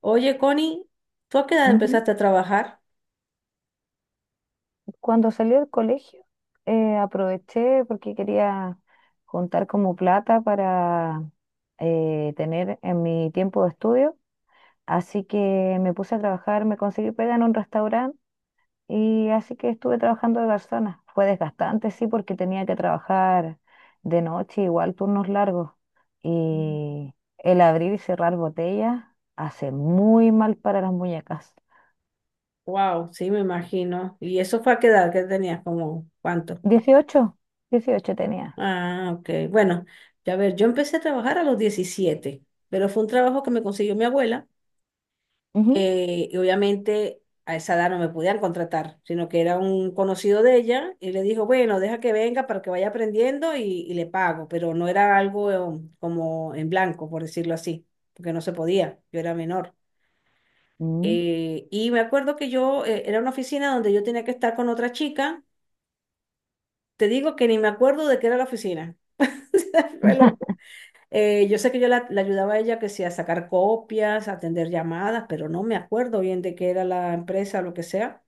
Oye, Connie, ¿tú a qué edad Ujú. empezaste a trabajar? Cuando salí del colegio, aproveché porque quería juntar como plata para tener en mi tiempo de estudio. Así que me puse a trabajar, me conseguí pega en un restaurante y así que estuve trabajando de garzona. Fue desgastante, sí, porque tenía que trabajar de noche, igual turnos largos. Y el abrir y cerrar botellas hace muy mal para las muñecas. Wow, sí, me imagino. ¿Y eso fue a qué edad? ¿Qué tenías? ¿Como cuánto? 18, 18 tenía. Ah, ok. Bueno, ya ver, yo empecé a trabajar a los 17, pero fue un trabajo que me consiguió mi abuela. Y obviamente a esa edad no me podían contratar, sino que era un conocido de ella y le dijo, bueno, deja que venga para que vaya aprendiendo y le pago, pero no era algo como en blanco, por decirlo así, porque no se podía, yo era menor. Ujú. Y me acuerdo que yo, era una oficina donde yo tenía que estar con otra chica. Te digo que ni me acuerdo de qué era la oficina. Fue loco. Yo sé que yo la ayudaba a ella, que sea a sacar copias, a atender llamadas, pero no me acuerdo bien de qué era la empresa, lo que sea.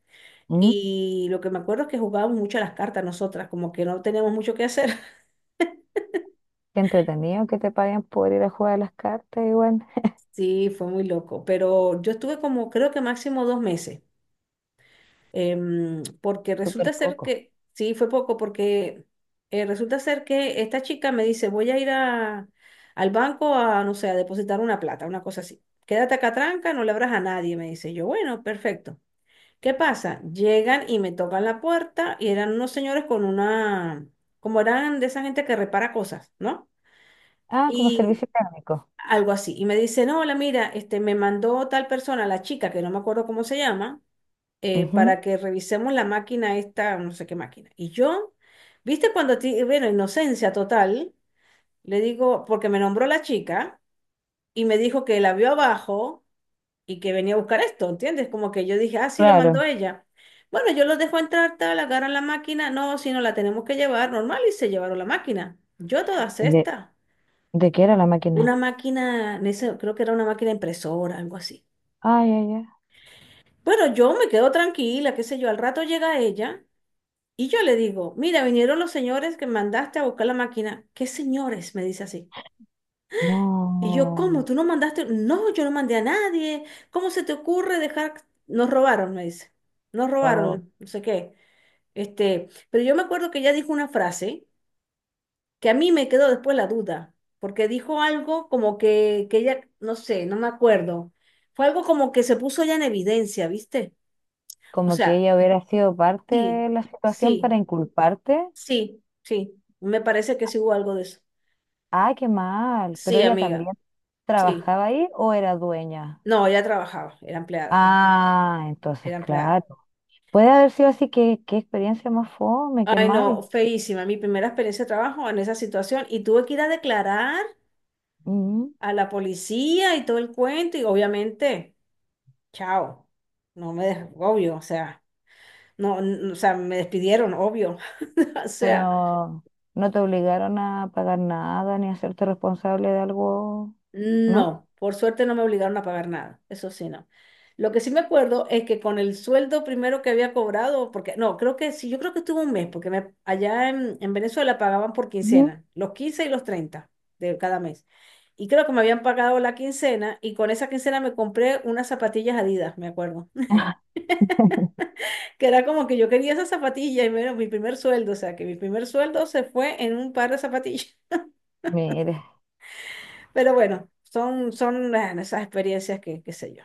Mm. Y lo que me acuerdo es que jugábamos mucho a las cartas nosotras, como que no teníamos mucho que hacer. Qué entretenido que te paguen por ir a jugar a las cartas, igual. Sí, fue muy loco, pero yo estuve como creo que máximo 2 meses. Porque Súper resulta ser poco. que, sí, fue poco, porque resulta ser que esta chica me dice, voy a ir al banco a, no sé, a depositar una plata, una cosa así. Quédate acá tranca, no le abras a nadie, me dice. Yo, bueno, perfecto. ¿Qué pasa? Llegan y me tocan la puerta y eran unos señores con una, como eran de esa gente que repara cosas, ¿no? Ah, como Y servicio técnico. algo así. Y me dice, no, hola, mira, este, me mandó tal persona, la chica, que no me acuerdo cómo se llama, Ujú. para que revisemos la máquina esta, no sé qué máquina. Y yo, viste cuando, bueno, inocencia total, le digo, porque me nombró la chica y me dijo que la vio abajo y que venía a buscar esto, ¿entiendes? Como que yo dije, ah, sí, lo mandó Claro. ella. Bueno, yo los dejo entrar, tal, agarran la máquina, no, si no la tenemos que llevar, normal, y se llevaron la máquina. Yo a todas ¿Y estas, de qué era la una máquina? máquina, creo que era una máquina impresora, algo así. Ay, ay, ay. Bueno, yo me quedo tranquila, qué sé yo, al rato llega ella. Y yo le digo, mira, vinieron los señores que mandaste a buscar la máquina. ¿Qué señores? Me dice así. Y yo, ¿cómo? No. ¿Tú no mandaste? No, yo no mandé a nadie. ¿Cómo se te ocurre dejar? Nos robaron, me dice. Nos O robaron, no sé qué. Este, pero yo me acuerdo que ella dijo una frase que a mí me quedó después la duda, porque dijo algo como que ella, no sé, no me acuerdo. Fue algo como que se puso ella en evidencia, ¿viste? O como que sea, ella hubiera sido parte de sí, la situación para sí, inculparte. sí, sí. Me parece que sí hubo algo de eso. Ah, qué mal. ¿Pero Sí, ella también amiga, sí. trabajaba ahí o era dueña? No, ella trabajaba, era empleada, Ah, entonces, era empleada. claro. Puede haber sido así, que qué experiencia más fome, qué Ay, no, mal. feísima, mi primera experiencia de trabajo en esa situación, y tuve que ir a declarar Ujú. a la policía y todo el cuento y, obviamente, chao, no me, dej- obvio, o sea, no, n- o sea, me despidieron, obvio. O sea, ¿Pero no te obligaron a pagar nada ni a hacerte responsable de algo, no? no, por suerte no me obligaron a pagar nada, eso sí, no. Lo que sí me acuerdo es que con el sueldo primero que había cobrado, porque no, creo que sí, yo creo que estuvo un mes, porque me, allá en Venezuela pagaban por Ujú. quincena, los 15 y los 30 de cada mes. Y creo que me habían pagado la quincena, y con esa quincena me compré unas zapatillas Adidas, me acuerdo. Que era como que yo quería esas zapatillas y me era mi primer sueldo, o sea, que mi primer sueldo se fue en un par de zapatillas. Mire, Pero bueno, son, son esas experiencias que, qué sé yo.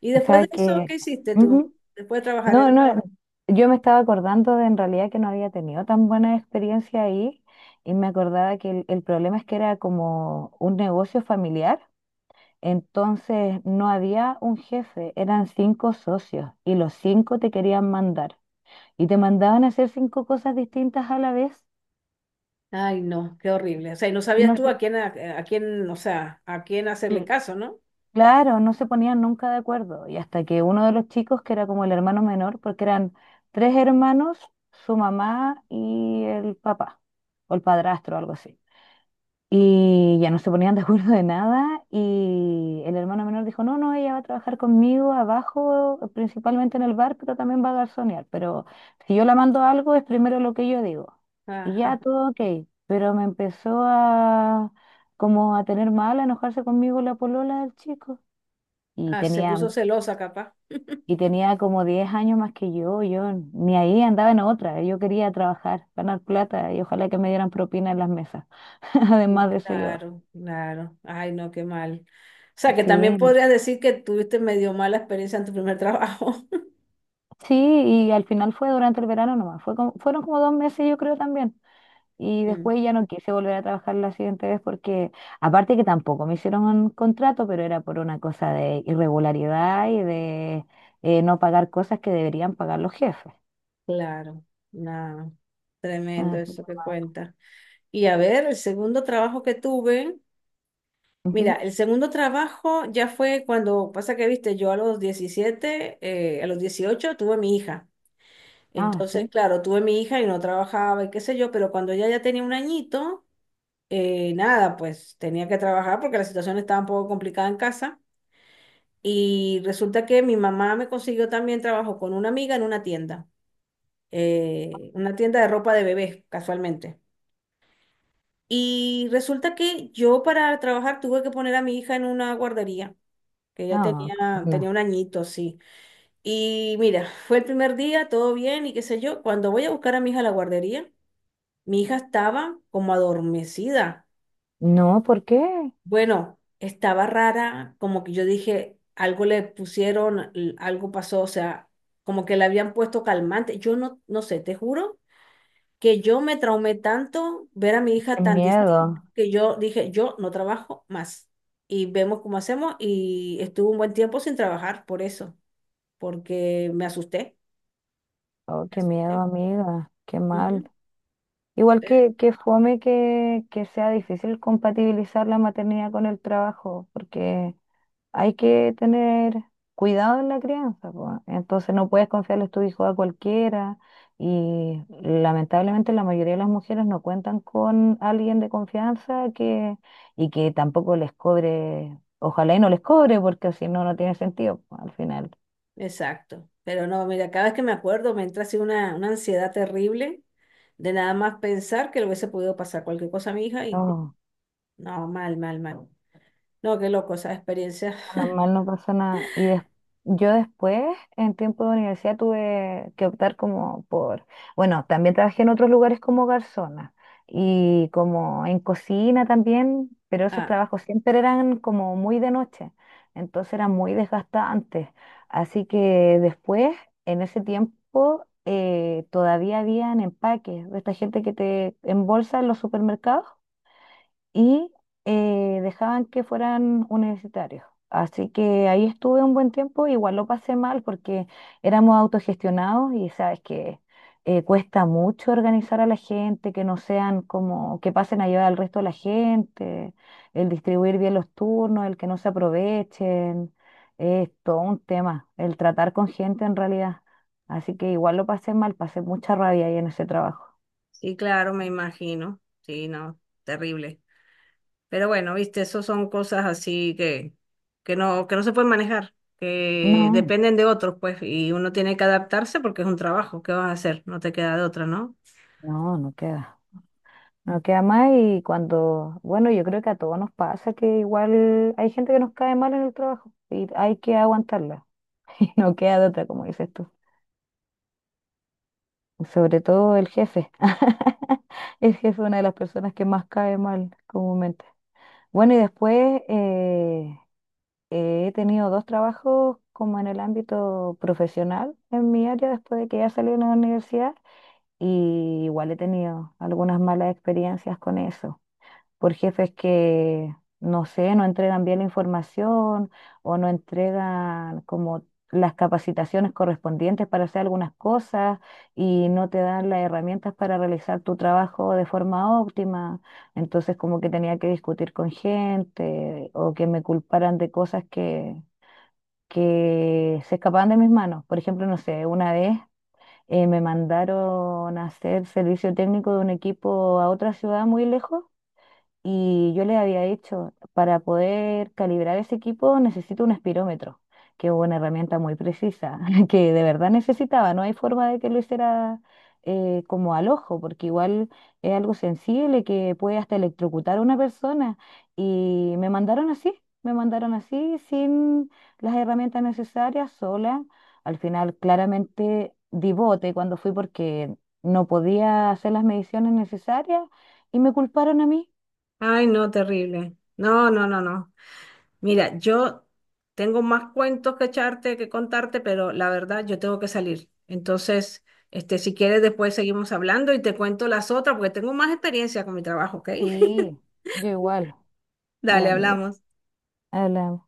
Y o después sea de eso, que... ¿qué hiciste tú? ujú. Después de trabajar No, en... no, yo me estaba acordando de en realidad que no había tenido tan buena experiencia ahí y me acordaba que el problema es que era como un negocio familiar, entonces no había un jefe, eran cinco socios y los cinco te querían mandar y te mandaban a hacer cinco cosas distintas a la vez Ay, no, qué horrible. O sea, y no y sabías no, tú a quién, o sea, a quién hacerle se- caso, ¿no? Claro, no se ponían nunca de acuerdo. Y hasta que uno de los chicos, que era como el hermano menor, porque eran tres hermanos, su mamá y el papá, o el padrastro, algo así. Y ya no se ponían de acuerdo de nada. Y el hermano menor dijo, no, no, ella va a trabajar conmigo abajo, principalmente en el bar, pero también va a garzonear. Pero si yo la mando a algo, es primero lo que yo digo. Y ya Ajá. todo ok. Pero me empezó a como a tener mal, a enojarse conmigo la polola del chico y Ah, se tenía, puso mu- celosa, capaz. y tenía como 10 años más que yo ni ahí andaba en otra, yo quería trabajar, ganar plata y ojalá que me dieran propina en las mesas, Sí, además de eso yo. claro, claro. Ay, no, qué mal. O sea, que Sí, también podrías decir que tuviste medio mala experiencia en tu primer trabajo. sí, y al final fue durante el verano nomás, fue como- fueron como 2 meses yo creo también. Y Mm. después ya no quise volver a trabajar la siguiente vez porque, aparte que tampoco me hicieron un contrato, pero era por una cosa de irregularidad y de no pagar cosas que deberían pagar los jefes. Claro, nada, tremendo Así eso que, que cuenta. Y a ver, el segundo trabajo que tuve, mira, ujú. el segundo trabajo ya fue cuando, pasa que, viste, yo a los 17, a los 18 tuve mi hija. Ah, Entonces, sí. claro, tuve mi hija y no trabajaba y qué sé yo, pero cuando ella ya tenía un añito, nada, pues tenía que trabajar porque la situación estaba un poco complicada en casa. Y resulta que mi mamá me consiguió también trabajo con una amiga en una tienda de ropa de bebés, casualmente. Y resulta que yo, para trabajar, tuve que poner a mi hija en una guardería. Que ya No, tenía, tenía no. un añito, sí. Y mira, fue el primer día, todo bien y qué sé yo. Cuando voy a buscar a mi hija a la guardería, mi hija estaba como adormecida. No, ¿por qué? Bueno, estaba rara, como que yo dije, algo le pusieron, algo pasó, o sea, como que le habían puesto calmante. Yo no, no sé, te juro que yo me traumé tanto ver a mi Qué hija tan distinta, miedo. que yo dije, yo no trabajo más. Y vemos cómo hacemos, y estuve un buen tiempo sin trabajar por eso. Porque me asusté, Oh, me qué miedo, asusté. amiga. Qué Ujú. mal. Igual Eh, que fome que sea difícil compatibilizar la maternidad con el trabajo, porque hay que tener cuidado en la crianza, po. Entonces no puedes confiarles tu hijo a cualquiera y lamentablemente la mayoría de las mujeres no cuentan con alguien de confianza que, y que tampoco les cobre, ojalá y no les cobre, porque si no, no tiene sentido, po, al final. Exacto. Pero no, mira, cada vez que me acuerdo me entra así una ansiedad terrible de nada más pensar que le hubiese podido pasar cualquier cosa a mi hija y no, mal, mal, mal. No, qué loco esa experiencia. Normal, no pasa nada. Y des- yo después, en tiempo de universidad, tuve que optar como por, bueno, también trabajé en otros lugares como garzona y como en cocina también, pero esos Ah, trabajos siempre eran como muy de noche, entonces era muy desgastante. Así que después, en ese tiempo, todavía habían empaques de esta gente que te embolsa en los supermercados y dejaban que fueran universitarios. Así que ahí estuve un buen tiempo, igual lo pasé mal porque éramos autogestionados y sabes que cuesta mucho organizar a la gente, que no sean como, que pasen a llevar al resto de la gente, el distribuir bien los turnos, el que no se aprovechen, es todo un tema, el tratar con gente en realidad. Así que igual lo pasé mal, pasé mucha rabia ahí en ese trabajo. sí, claro, me imagino. Sí, no, terrible. Pero bueno, viste, eso son cosas así que, que no se pueden manejar, que No, dependen de otros, pues, y uno tiene que adaptarse porque es un trabajo. ¿Qué vas a hacer? No te queda de otra, ¿no? no, no queda. No queda más y cuando, bueno, yo creo que a todos nos pasa que igual hay gente que nos cae mal en el trabajo y hay que aguantarla y no queda de otra, como dices tú. Sobre todo el jefe. El jefe es una de las personas que más cae mal comúnmente. Bueno, y después he tenido dos trabajos como en el ámbito profesional en mi área después de que ya salí de la universidad y igual he tenido algunas malas experiencias con eso, por jefes que, no sé, no entregan bien la información o no entregan como las capacitaciones correspondientes para hacer algunas cosas y no te dan las herramientas para realizar tu trabajo de forma óptima. Entonces como que tenía que discutir con gente o que me culparan de cosas que se escapaban de mis manos. Por ejemplo, no sé, una vez me mandaron a hacer servicio técnico de un equipo a otra ciudad muy lejos y yo le había dicho, para poder calibrar ese equipo necesito un espirómetro, que es una herramienta muy precisa, que de verdad necesitaba. No hay forma de que lo hiciera como al ojo, porque igual es algo sensible que puede hasta electrocutar a una persona. Y me mandaron así, sin las herramientas necesarias, sola. Al final, claramente di bote cuando fui porque no podía hacer las mediciones necesarias y me culparon a mí. Ay, no, terrible. No, no, no, no. Mira, yo tengo más cuentos que echarte, que contarte, pero la verdad yo tengo que salir. Entonces, este, si quieres después seguimos hablando y te cuento las otras porque tengo más experiencia con mi trabajo, ¿ok? Sí, yo igual. Ya, Dale, amiga, hablamos. hablamos.